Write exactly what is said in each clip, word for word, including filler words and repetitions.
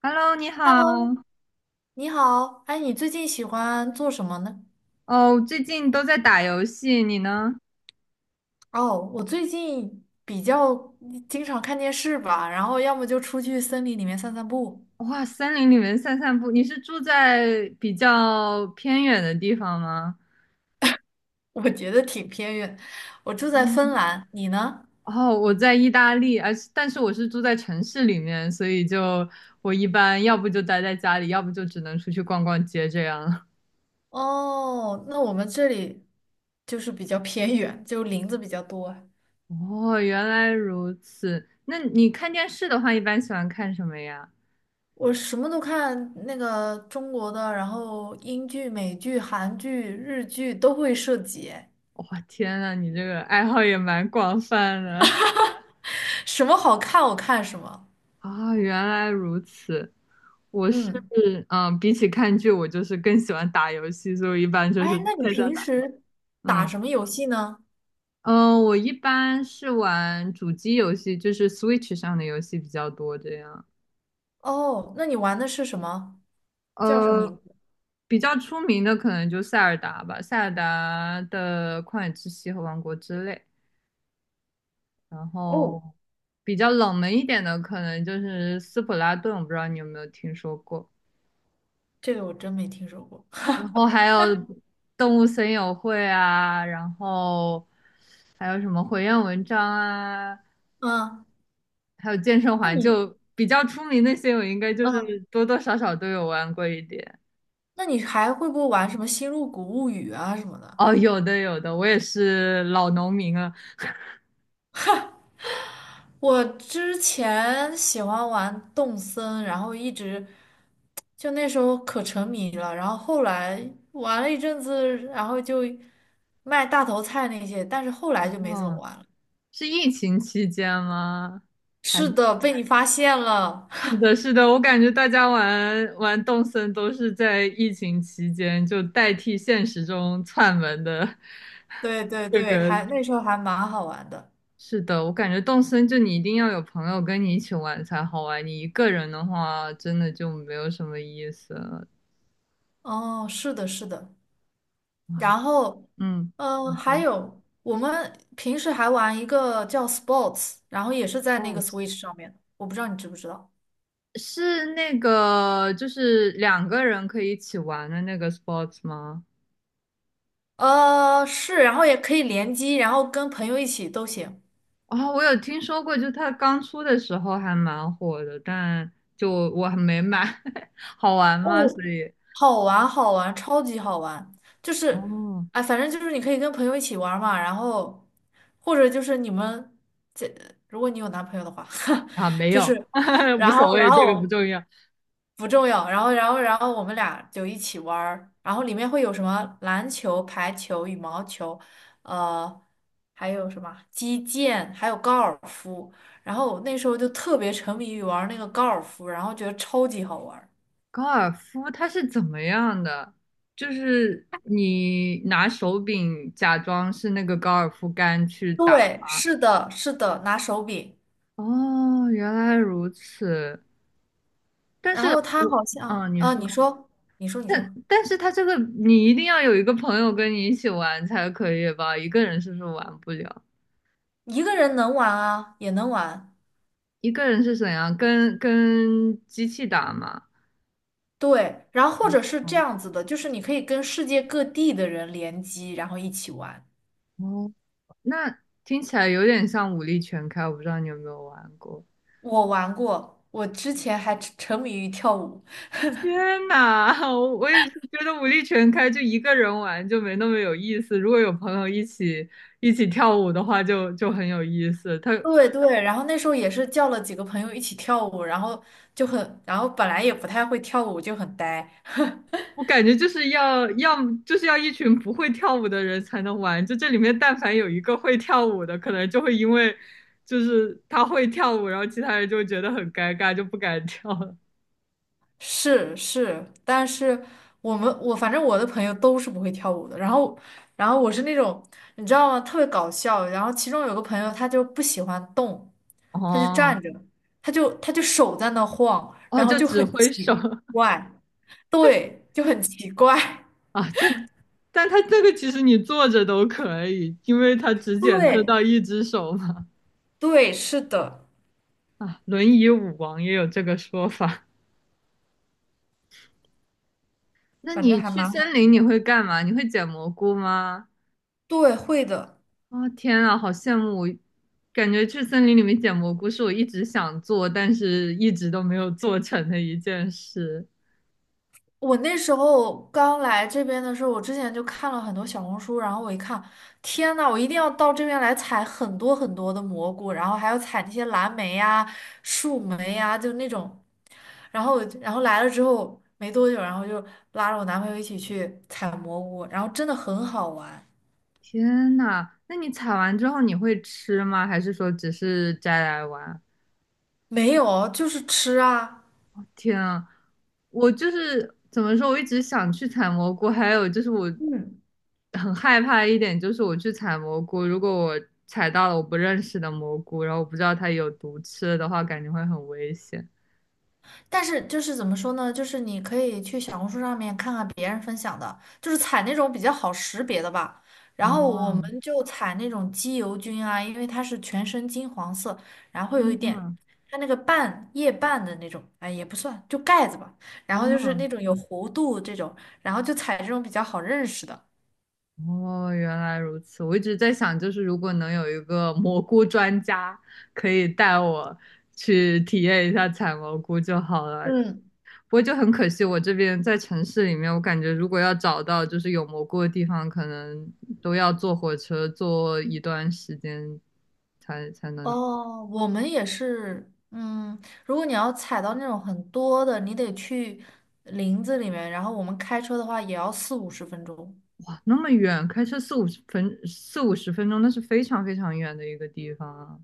Hello，你好。Hello，你好，哎，你最近喜欢做什么呢？哦，最近都在打游戏，你呢？哦，我最近比较经常看电视吧，然后要么就出去森林里面散散步。哇，森林里面散散步。你是住在比较偏远的地方吗？我觉得挺偏远。我住在芬哦，兰，你呢？哦我在意大利，而是但是我是住在城市里面，所以就我一般要不就待在家里，要不就只能出去逛逛街这样。哦，那我们这里就是比较偏远，就林子比较多。哦，原来如此。那你看电视的话，一般喜欢看什么呀？我什么都看，那个中国的，然后英剧、美剧、韩剧、日剧都会涉及。哇，天呐，你这个爱好也蛮广泛的 什么好看我看什么。啊 原来如此。我是嗯。嗯，比起看剧，我就是更喜欢打游戏，所以我一般就哎，是那你在家平打。时打嗯什么游戏呢？嗯，呃我一般是玩主机游戏，就是 Switch 上的游戏比较多，这样。哦，那你玩的是什么？叫什么名呃，字？比较出名的可能就塞尔达吧，塞尔达的旷野之息和王国之泪。然哦，后比较冷门一点的，可能就是斯普拉顿，我不知道你有没有听说过。这个我真没听说过。然后还有动物森友会啊，然后还有什么火焰文章啊，嗯，还有健身那环，你，就比较出名那些，我应该就是嗯，多多少少都有玩过一点。那你还会不会玩什么《星露谷物语》啊什么的？哦，有的有的，我也是老农民了。我之前喜欢玩动森，然后一直就那时候可沉迷了，然后后来玩了一阵子，然后就卖大头菜那些，但是后来就没怎么哦，玩了。是疫情期间吗？还是是的，被你发现了。是的，是的，我感觉大家玩玩动森都是在疫情期间，就代替现实中串门的 对对 这对，个还那时候还蛮好玩的。是的，我感觉动森就你一定要有朋友跟你一起玩才好玩，你一个人的话真的就没有什么意思了。哦，是的，是的。哇，然后，嗯，嗯、你还说有我们平时还玩一个叫 Sports，然后也是在那个 哦，Switch 上面，我不知道你知不知道。是那个就是两个人可以一起玩的那个 sports 吗？呃，是，然后也可以联机，然后跟朋友一起都行。啊、我有听说过，就它刚出的时候还蛮火的，但就我还没买，好玩哦，吗？所以好玩，好玩，超级好玩。就是，哦，哎，反正就是你可以跟朋友一起玩嘛，然后或者就是你们这，如果你有男朋友的话，啊，没就有，是。无然所后，然谓，这个不后重要。不重要。然后，然后，然后我们俩就一起玩儿，然后里面会有什么篮球、排球、羽毛球，呃，还有什么击剑，还有高尔夫。然后我那时候就特别沉迷于玩那个高尔夫，然后觉得超级好玩儿。高尔夫它是怎么样的？就是你拿手柄假装是那个高尔夫杆去打。对，是的，是的，拿手柄。哦，原来如此。但然是后他我，好像，嗯，你啊，你说，说，你说，你但说，但是它这个你一定要有一个朋友跟你一起玩才可以吧？一个人是不是玩不了？一个人能玩啊，也能玩。一个人是怎样？跟跟机器打嘛？对，然后或者是这哦，样子的，就是你可以跟世界各地的人联机，然后一起玩。哦，那听起来有点像武力全开，我不知道你有没有玩过。我玩过，我之前还沉沉迷于跳舞。天呐，我我也是觉得武力全开，就一个人玩就没那么有意思。如果有朋友一起一起跳舞的话就，就很有意思。他对对，然后那时候也是叫了几个朋友一起跳舞，然后就很，然后本来也不太会跳舞，就很呆。我感觉就是要要么就是要一群不会跳舞的人才能玩。就这里面，但凡有一个会跳舞的，可能就会因为就是他会跳舞，然后其他人就会觉得很尴尬，就不敢跳了。是是，但是我们我反正我的朋友都是不会跳舞的，然后然后我是那种你知道吗，特别搞笑。然后其中有个朋友他就不喜欢动，他就站哦着，他就他就手在那晃，哦，然后就就只很挥奇手 怪，对，就很奇怪。啊，这，但他这个其实你坐着都可以，因为他只 检测到对。一只手嘛。对，是的，啊，轮椅舞王也有这个说法。那反正你还去蛮森好。林你会干嘛？你会捡蘑菇吗？对，会的。哦，天啊，好羡慕！我感觉去森林里面捡蘑菇是我一直想做，但是一直都没有做成的一件事。我那时候刚来这边的时候，我之前就看了很多小红书，然后我一看，天呐，我一定要到这边来采很多很多的蘑菇，然后还要采那些蓝莓呀、树莓呀，就那种。然后然后来了之后没多久，然后就拉着我男朋友一起去采蘑菇，然后真的很好玩。天呐，那你采完之后你会吃吗？还是说只是摘来玩？没有，就是吃啊。天啊，我就是怎么说，我一直想去采蘑菇，还有就是我嗯。很害怕一点就是我去采蘑菇，如果我采到了我不认识的蘑菇，然后我不知道它有毒吃了的话，感觉会很危险。但是就是怎么说呢？就是你可以去小红书上面看看别人分享的，就是采那种比较好识别的吧。然后我们哦，就采那种机油菌啊，因为它是全身金黄色，然后会有一点嗯，它那个瓣叶瓣的那种，哎也不算，就盖子吧。然后就是哦，那种有弧度这种，然后就采这种比较好认识的。哦，原来如此。我一直在想，就是如果能有一个蘑菇专家，可以带我去体验一下采蘑菇就好了。嗯。不过就很可惜，我这边在城市里面，我感觉如果要找到就是有蘑菇的地方，可能都要坐火车坐一段时间才才能哦，我们也是，嗯，如果你要采到那种很多的，你得去林子里面，然后我们开车的话也要四五十分钟。啊，那么远，开车四五十分四五十分钟，那是非常非常远的一个地方啊。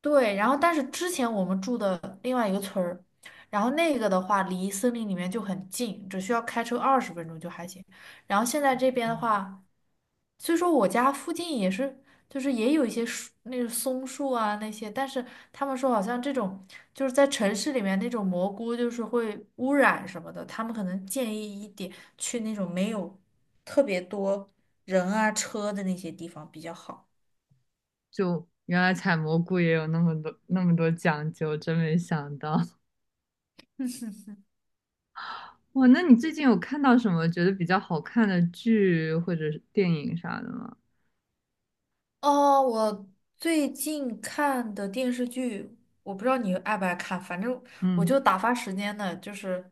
对，然后但是之前我们住的另外一个村儿，然后那个的话离森林里面就很近，只需要开车二十分钟就还行。然后现在这边的哦话，虽说我家附近也是，就是也有一些树，那个松树啊那些，但是他们说好像这种就是在城市里面那种蘑菇就是会污染什么的，他们可能建议一点去那种没有特别多人啊车的那些地方比较好。就原来采蘑菇也有那么多那么多讲究，真没想到。哇，那你最近有看到什么觉得比较好看的剧或者是电影啥的吗？哦，我最近看的电视剧，我不知道你爱不爱看，反正我嗯，就打发时间的，就是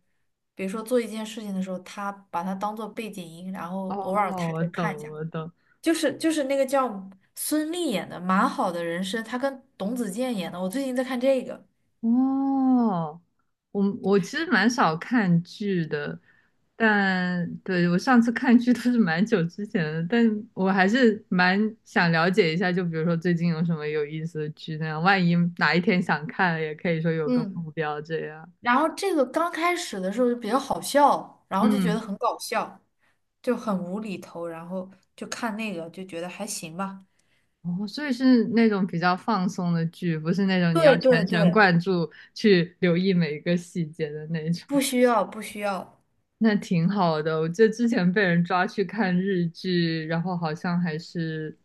比如说做一件事情的时候，他把它当做背景音，然哦，后偶尔抬我头懂，看一下。我懂。就是就是那个叫孙俪演的《蛮好的人生》，她跟董子健演的，我最近在看这个。哦，我我其实蛮少看剧的，但对我上次看剧都是蛮久之前的，但我还是蛮想了解一下，就比如说最近有什么有意思的剧那样，万一哪一天想看了，也可以说有个嗯，目标这样。然后这个刚开始的时候就比较好笑，然后就觉得嗯。很搞笑，就很无厘头，然后就看那个就觉得还行吧。哦，所以是那种比较放松的剧，不是那种你要对对全神对，贯注去留意每一个细节的那种。不需要，不需要。那挺好的，我记得之前被人抓去看日剧，然后好像还是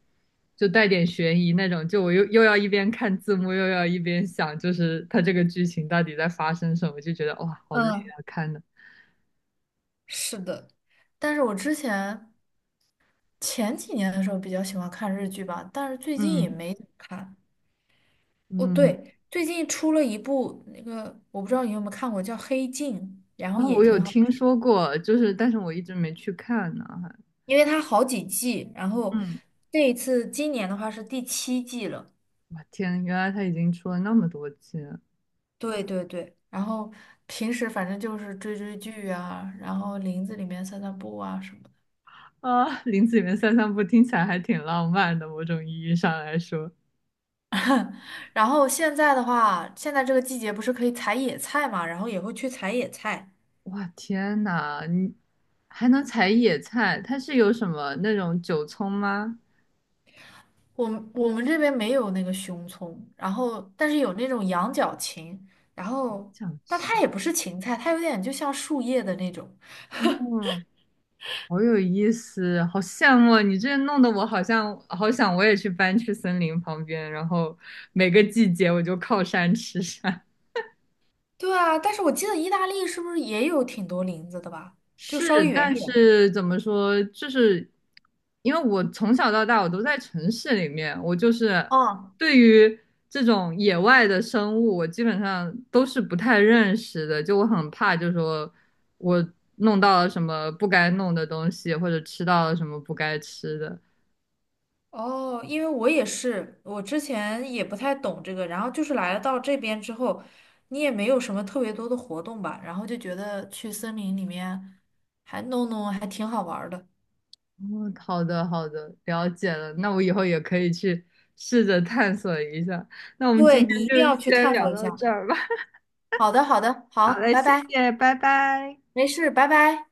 就带点悬疑那种，就我又又要一边看字幕，又要一边想，就是它这个剧情到底在发生什么，就觉得哇，好累嗯，啊，看的。是的，但是我之前前几年的时候比较喜欢看日剧吧，但是最近也嗯没怎么看。哦，嗯，对，最近出了一部那个，我不知道你有没有看过，叫《黑镜》，然后啊，也我有挺好听看，说过，就是但是我一直没去看呢，还因为它好几季，然后嗯，这一次今年的话是第七季了。我天，原来他已经出了那么多季了。对对对，然后平时反正就是追追剧啊，然后林子里面散散步啊什么的。啊，林子里面散散步听起来还挺浪漫的，某种意义上来说，然后现在的话，现在这个季节不是可以采野菜嘛，然后也会去采野菜。哇，天呐，你还能采野菜？它是有什么那种韭葱吗？我们我们这边没有那个熊葱，然后但是有那种羊角芹，然后想但吃，它也不是芹菜，它有点就像树叶的那种。哦，好有意思，好羡慕你，这弄得我好像好想我也去搬去森林旁边，然后每个季节我就靠山吃山。对啊，但是我记得意大利是不是也有挺多林子的吧？就稍是，微远一但点。是怎么说，就是因为我从小到大我都在城市里面，我就是哦，对于这种野外的生物，我基本上都是不太认识的，就我很怕，就说我弄到了什么不该弄的东西，或者吃到了什么不该吃的。哦，因为我也是，我之前也不太懂这个，然后就是来了到这边之后，你也没有什么特别多的活动吧，然后就觉得去森林里面还弄弄还挺好玩儿的。哦，好的，好的，了解了，那我以后也可以去试着探索一下。那我们今对，你天一定要就去先探聊索一到下。这儿吧。好的，好的，好，好嘞，拜谢拜，谢，拜拜。没事，拜拜。